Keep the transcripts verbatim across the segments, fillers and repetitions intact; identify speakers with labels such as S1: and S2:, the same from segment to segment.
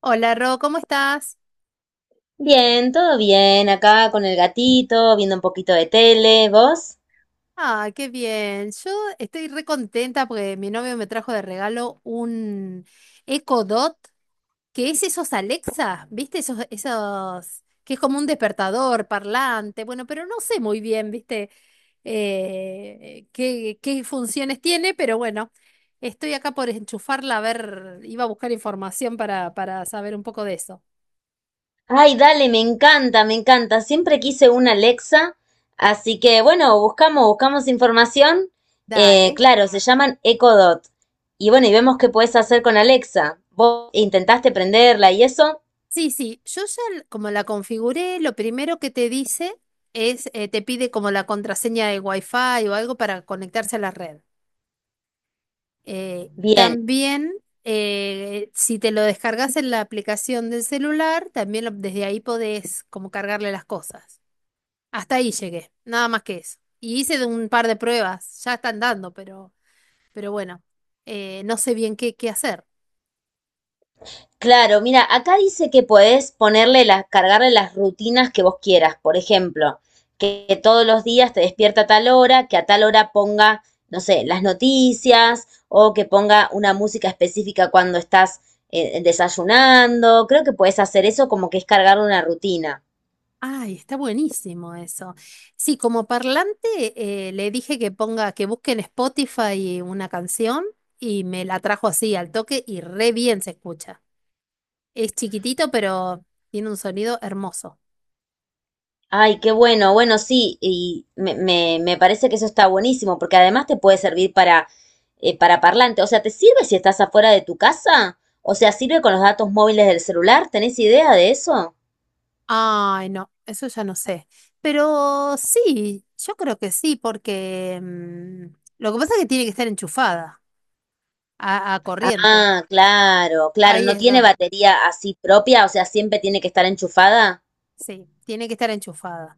S1: Hola Ro, ¿cómo estás?
S2: Bien, todo bien, acá con el gatito, viendo un poquito de tele, ¿vos?
S1: Ah, qué bien. Yo estoy re contenta porque mi novio me trajo de regalo un Echo Dot, que es esos Alexa, ¿viste? Esos, esos, que es como un despertador parlante. Bueno, pero no sé muy bien, ¿viste? Eh, qué, qué funciones tiene, pero bueno, estoy acá por enchufarla a ver, iba a buscar información para, para saber un poco de eso.
S2: Ay, dale, me encanta, me encanta. Siempre quise una Alexa, así que bueno, buscamos, buscamos información. Eh,
S1: Dale.
S2: claro, se llaman Echo Dot. Y bueno, y vemos qué puedes hacer con Alexa. ¿Vos intentaste prenderla y eso?
S1: Sí, sí, yo ya l- como la configuré, lo primero que te dice es, eh, te pide como la contraseña de Wi-Fi o algo para conectarse a la red. Eh,
S2: Bien.
S1: también, eh, si te lo descargas en la aplicación del celular, también lo- desde ahí podés como cargarle las cosas. Hasta ahí llegué, nada más que eso. Y hice de un par de pruebas, ya están dando, pero, pero, bueno, eh, no sé bien qué, qué hacer.
S2: Claro, mira, acá dice que podés ponerle las, cargarle las rutinas que vos quieras. Por ejemplo, que, que todos los días te despierta a tal hora, que a tal hora ponga, no sé, las noticias o que ponga una música específica cuando estás eh, desayunando. Creo que podés hacer eso como que es cargar una rutina.
S1: Ay, está buenísimo eso. Sí, como parlante eh, le dije que ponga, que busque en Spotify una canción y me la trajo así al toque y re bien se escucha. Es chiquitito, pero tiene un sonido hermoso.
S2: Ay, qué bueno, bueno, sí, y me, me- me parece que eso está buenísimo, porque además te puede servir para, eh, para parlante. O sea, ¿te sirve si estás afuera de tu casa? O sea, ¿sirve con los datos móviles del celular? ¿Tenés idea de eso?
S1: Ay, no, eso ya no sé. Pero sí, yo creo que sí, porque mm, lo que pasa es que tiene que estar enchufada a, a corriente.
S2: Ah, claro, claro,
S1: Ahí
S2: no
S1: es
S2: tiene
S1: donde,
S2: batería así propia, o sea, siempre tiene que estar enchufada.
S1: sí, tiene que estar enchufada.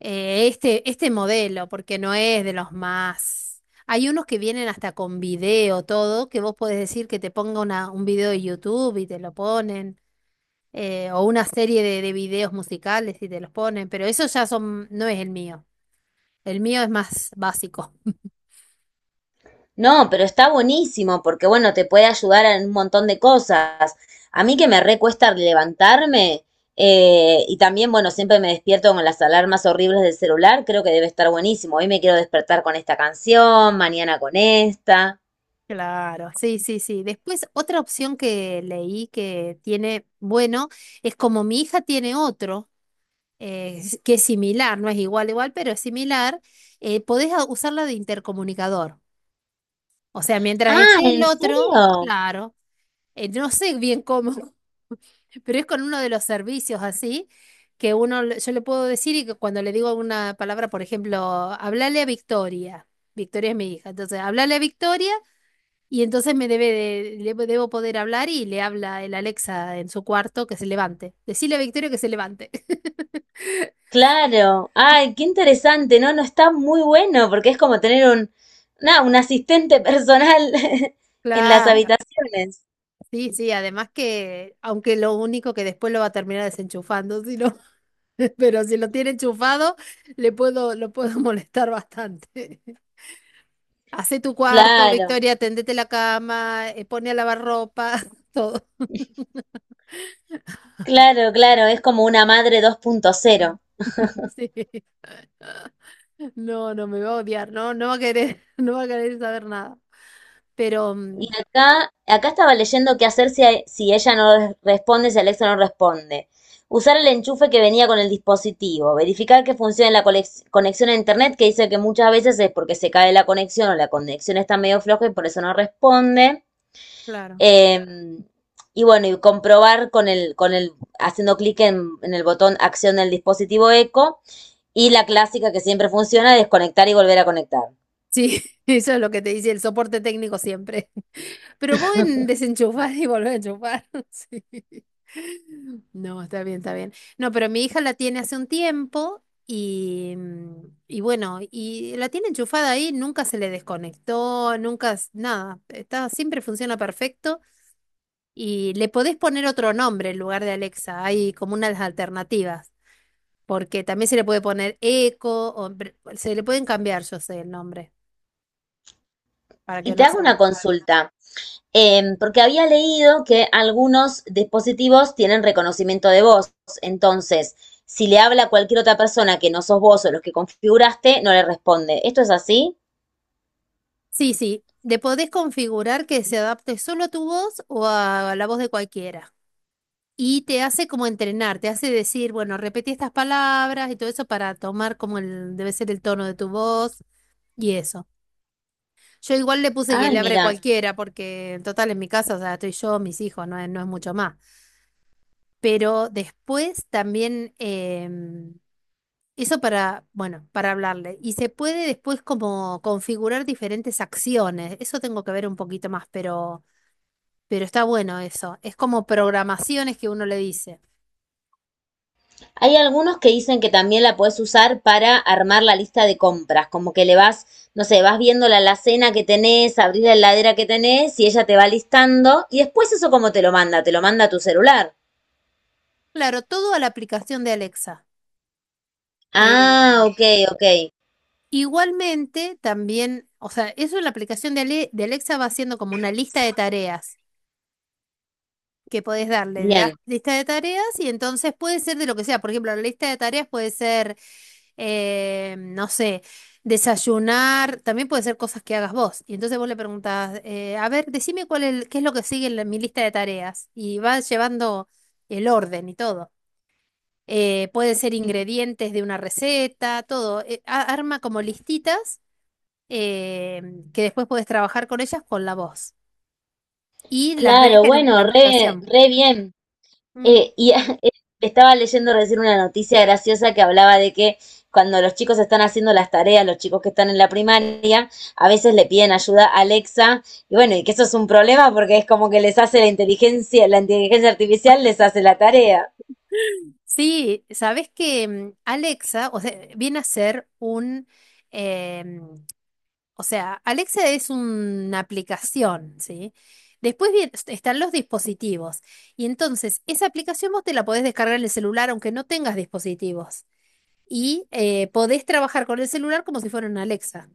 S1: eh, este, este modelo, porque no es de los más. Hay unos que vienen hasta con video, todo, que vos podés decir que te ponga una- un video de YouTube y te lo ponen, eh, o una serie de, de videos musicales y te los ponen, pero eso ya son, no es el mío. El mío es más básico.
S2: No, pero está buenísimo porque, bueno, te puede ayudar en un montón de cosas. A mí que me recuesta levantarme eh, y también, bueno, siempre me despierto con las alarmas horribles del celular, creo que debe estar buenísimo. Hoy me quiero despertar con esta canción, mañana con esta.
S1: Claro, sí, sí, sí. Después, otra opción que leí que tiene, bueno, es como mi hija tiene otro. Eh, s- que es similar, no es igual, igual, pero es similar, eh, podés a- usarla de intercomunicador. O sea, mientras
S2: Ah,
S1: esté el
S2: ¿en
S1: otro,
S2: serio?
S1: claro, eh, no sé bien cómo, pero es con uno de los servicios así, que uno, le- yo le puedo decir y que cuando le digo una palabra, por ejemplo, hablale a Victoria. Victoria es mi hija, entonces hablale a Victoria y entonces me debe de- le- debo poder hablar y le habla el Alexa en su cuarto que se levante. Decile a Victoria que se levante.
S2: Claro. Ay, qué interesante. No, no está muy bueno porque es como tener un, nada, un asistente personal en las
S1: Claro.
S2: habitaciones.
S1: Sí, sí, además que, aunque lo único que después lo va a terminar desenchufando, si no- pero si lo tiene enchufado, le puedo, lo puedo molestar bastante. Hace tu cuarto,
S2: Claro.
S1: Victoria, tendete la cama, eh, pone a lavar ropa, todo.
S2: Claro, claro, es como una madre dos punto cero.
S1: Sí. No, no me va a odiar, no, no va a querer, no va a querer saber nada. Pero, mm,
S2: Y acá, acá estaba leyendo qué hacer si, si ella no res- responde, si Alexa no responde. Usar el enchufe que venía con el dispositivo. Verificar que funcione la colex- conexión a internet, que dice que muchas veces es porque se cae la conexión o la conexión está medio floja y por eso no responde.
S1: claro,
S2: Em, y bueno, y comprobar con el, con el, haciendo clic en, en el botón acción del dispositivo Echo. Y la clásica que siempre funciona, desconectar y volver a conectar.
S1: sí, eso es lo que te dice el soporte técnico siempre. Pero vos en desenchufar y volver a enchufar. Sí. No, está bien, está bien. No, pero mi hija la tiene hace un tiempo y, mm, y bueno, y la tiene enchufada ahí, nunca se le desconectó, nunca, s- nada, está, siempre funciona perfecto y le podés poner otro nombre en lugar de Alexa, hay como unas alternativas, porque también se le puede poner Echo, o, br- se le pueden cambiar, yo sé, el nombre, para
S2: Y
S1: que
S2: te
S1: no
S2: hago
S1: sea.
S2: una consulta, eh, porque había leído que algunos dispositivos tienen reconocimiento de voz. Entonces, si le habla a cualquier otra persona que no sos vos o los que configuraste, no le responde. ¿Esto es así?
S1: Sí, sí. De podés configurar que se adapte solo a tu voz o a la voz de cualquiera. Y te hace como entrenar, te hace decir, bueno, repetí estas palabras y todo eso para tomar como el, debe ser el tono de tu voz y eso. Yo igual le puse que
S2: Ay,
S1: le abre
S2: mira.
S1: cualquiera porque en total en mi casa, o sea, estoy yo, mis hijos, no es, no es mucho más. Pero después también em, eso para, bueno, para hablarle. Y se puede después como configurar diferentes acciones. Eso tengo que ver un poquito más, pero. Pero está bueno eso. Es como programaciones que uno le dice.
S2: Hay algunos que dicen que también la puedes usar para armar la lista de compras, como que le vas, no sé, vas viendo la alacena que tenés, abrir la heladera que tenés y ella te va listando y después eso cómo te lo manda, te lo manda a tu celular.
S1: Claro, todo a la aplicación de Alexa.
S2: Ah,
S1: Eh,
S2: ok, ok.
S1: Igualmente, también, o sea, eso en la aplicación de, Ale- de Alexa va haciendo como una lista de tareas. Que podés darle, le das
S2: Bien.
S1: lista de tareas y entonces puede ser de lo que sea. Por ejemplo, la lista de tareas puede ser, eh, no sé, desayunar, también puede ser cosas que hagas vos. Y entonces vos le preguntás, eh, a ver, decime cuál es, el- qué es lo que sigue en la- mi lista de tareas. Y vas llevando el orden y todo. Eh, pueden ser ingredientes de una receta, todo. Eh, a- arma como listitas eh, que después puedes trabajar con ellas con la voz. Y las ves
S2: Claro,
S1: en la
S2: bueno, re,
S1: aplicación.
S2: re bien.
S1: Mm.
S2: Eh, y eh, estaba leyendo recién una noticia graciosa que hablaba de que cuando los chicos están haciendo las tareas, los chicos que están en la primaria, a veces le piden ayuda a Alexa, y bueno, y que eso es un problema porque es como que les hace la inteligencia, la inteligencia artificial les hace la tarea.
S1: Sí, sabes que mm, Alexa, o sea, viene a ser un, em, o sea, Alexa es una aplicación, ¿sí? Después bien están los dispositivos y entonces esa aplicación vos te la podés descargar en el celular aunque no tengas dispositivos y eh, podés trabajar con el celular como si fuera una Alexa.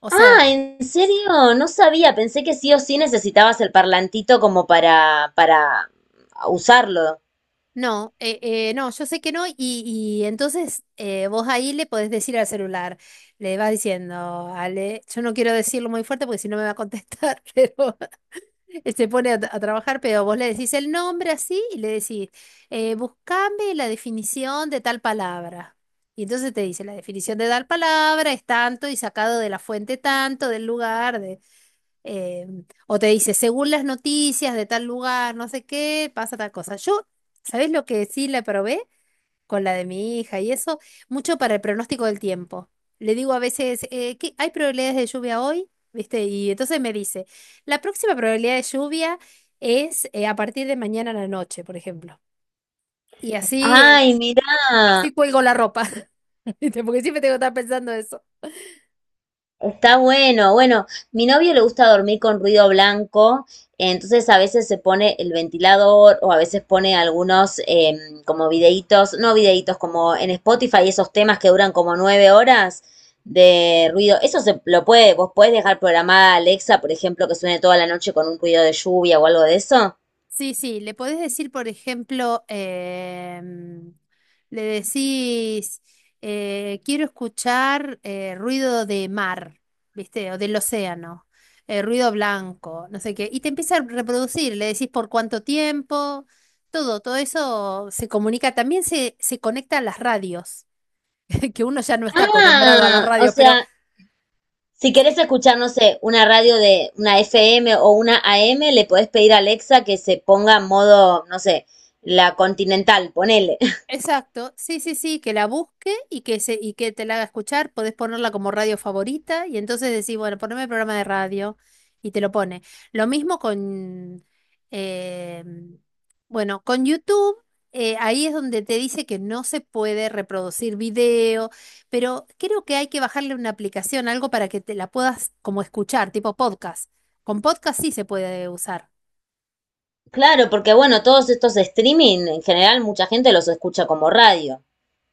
S1: O sea,
S2: Ah, ¿en serio? No sabía, pensé que sí o sí necesitabas el parlantito como para, para usarlo.
S1: no, eh, eh, no, yo sé que no, y, y entonces eh, vos ahí le podés decir al celular, le vas diciendo, Ale, yo no quiero decirlo muy fuerte porque si no me va a contestar, pero él se pone a, a trabajar, pero vos le decís el nombre así y le decís, eh, buscame la definición de tal palabra. Y entonces te dice, la definición de tal palabra es tanto y sacado de la fuente tanto, del lugar, eh, o te dice, según las noticias de tal lugar, no sé qué, pasa tal cosa. Yo, ¿sabés lo que sí la probé? Con la de mi hija y eso, mucho para el pronóstico del tiempo. Le digo a veces, eh, ¿qué- ¿hay probabilidades de lluvia hoy? ¿Viste? Y entonces me dice, la próxima probabilidad de lluvia es eh, a partir de mañana a la noche, por ejemplo. Y así, eh,
S2: Ay, mirá.
S1: así cuelgo la ropa, ¿viste? Porque siempre tengo que estar pensando eso.
S2: Está bueno, bueno, mi novio le gusta dormir con ruido blanco, entonces a veces se pone el ventilador o a veces pone algunos eh, como videitos, no videitos, como en Spotify esos temas que duran como nueve horas de ruido. Eso se lo puede, vos podés dejar programada Alexa, por ejemplo, que suene toda la noche con un ruido de lluvia o algo de eso.
S1: Sí, sí, le podés decir, por ejemplo, em, le decís, eh, quiero escuchar eh, ruido de mar, ¿viste? O del océano, eh, ruido blanco, no sé qué. Y te empieza a reproducir, le decís por cuánto tiempo, todo, todo eso se comunica. También se, se conecta a las radios, que uno ya no está acostumbrado a las
S2: Ah, o
S1: radios, pero.
S2: sea, si querés
S1: Sí,
S2: escuchar, no sé, una radio de una F M o una A M, le podés pedir a Alexa que se ponga en modo, no sé, la continental, ponele.
S1: exacto, sí, sí, sí, que la busque y que, se, y que te la haga escuchar, podés ponerla como radio favorita y entonces decís, bueno, poneme el programa de radio y te lo pone. Lo mismo con, eh, bueno, con YouTube, eh, ahí es donde te dice que no se puede reproducir video, pero creo que hay que bajarle una aplicación, algo para que te la puedas como escuchar, tipo podcast. Con podcast sí se puede usar.
S2: Claro, porque bueno, todos estos streaming, en general, mucha gente los escucha como radio,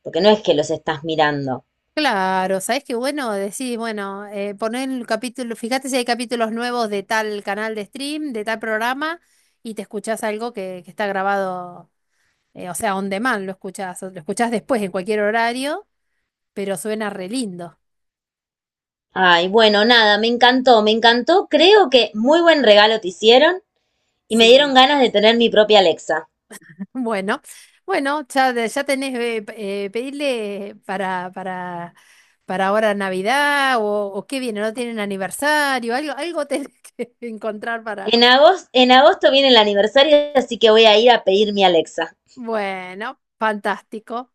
S2: porque no es que los estás mirando.
S1: Claro, sabes que bueno, decís, bueno, eh, poner el capítulo, fíjate si hay capítulos nuevos de tal canal de stream, de tal programa, y te escuchás algo que, que está grabado, eh, o sea, on demand lo escuchás, o lo escuchás después en cualquier horario, pero suena re lindo.
S2: Ay, bueno, nada, me encantó, me encantó. Creo que muy buen regalo te hicieron y me dieron
S1: Sí.
S2: ganas de tener mi propia Alexa.
S1: Bueno, bueno, ya, de- ya tenés, eh, p- eh, pedirle para, para, para, ahora Navidad, o, o qué viene, no tienen aniversario, algo, algo tenés que encontrar para.
S2: En agosto, en agosto viene el aniversario, así que voy a ir a pedir mi Alexa.
S1: Bueno, fantástico.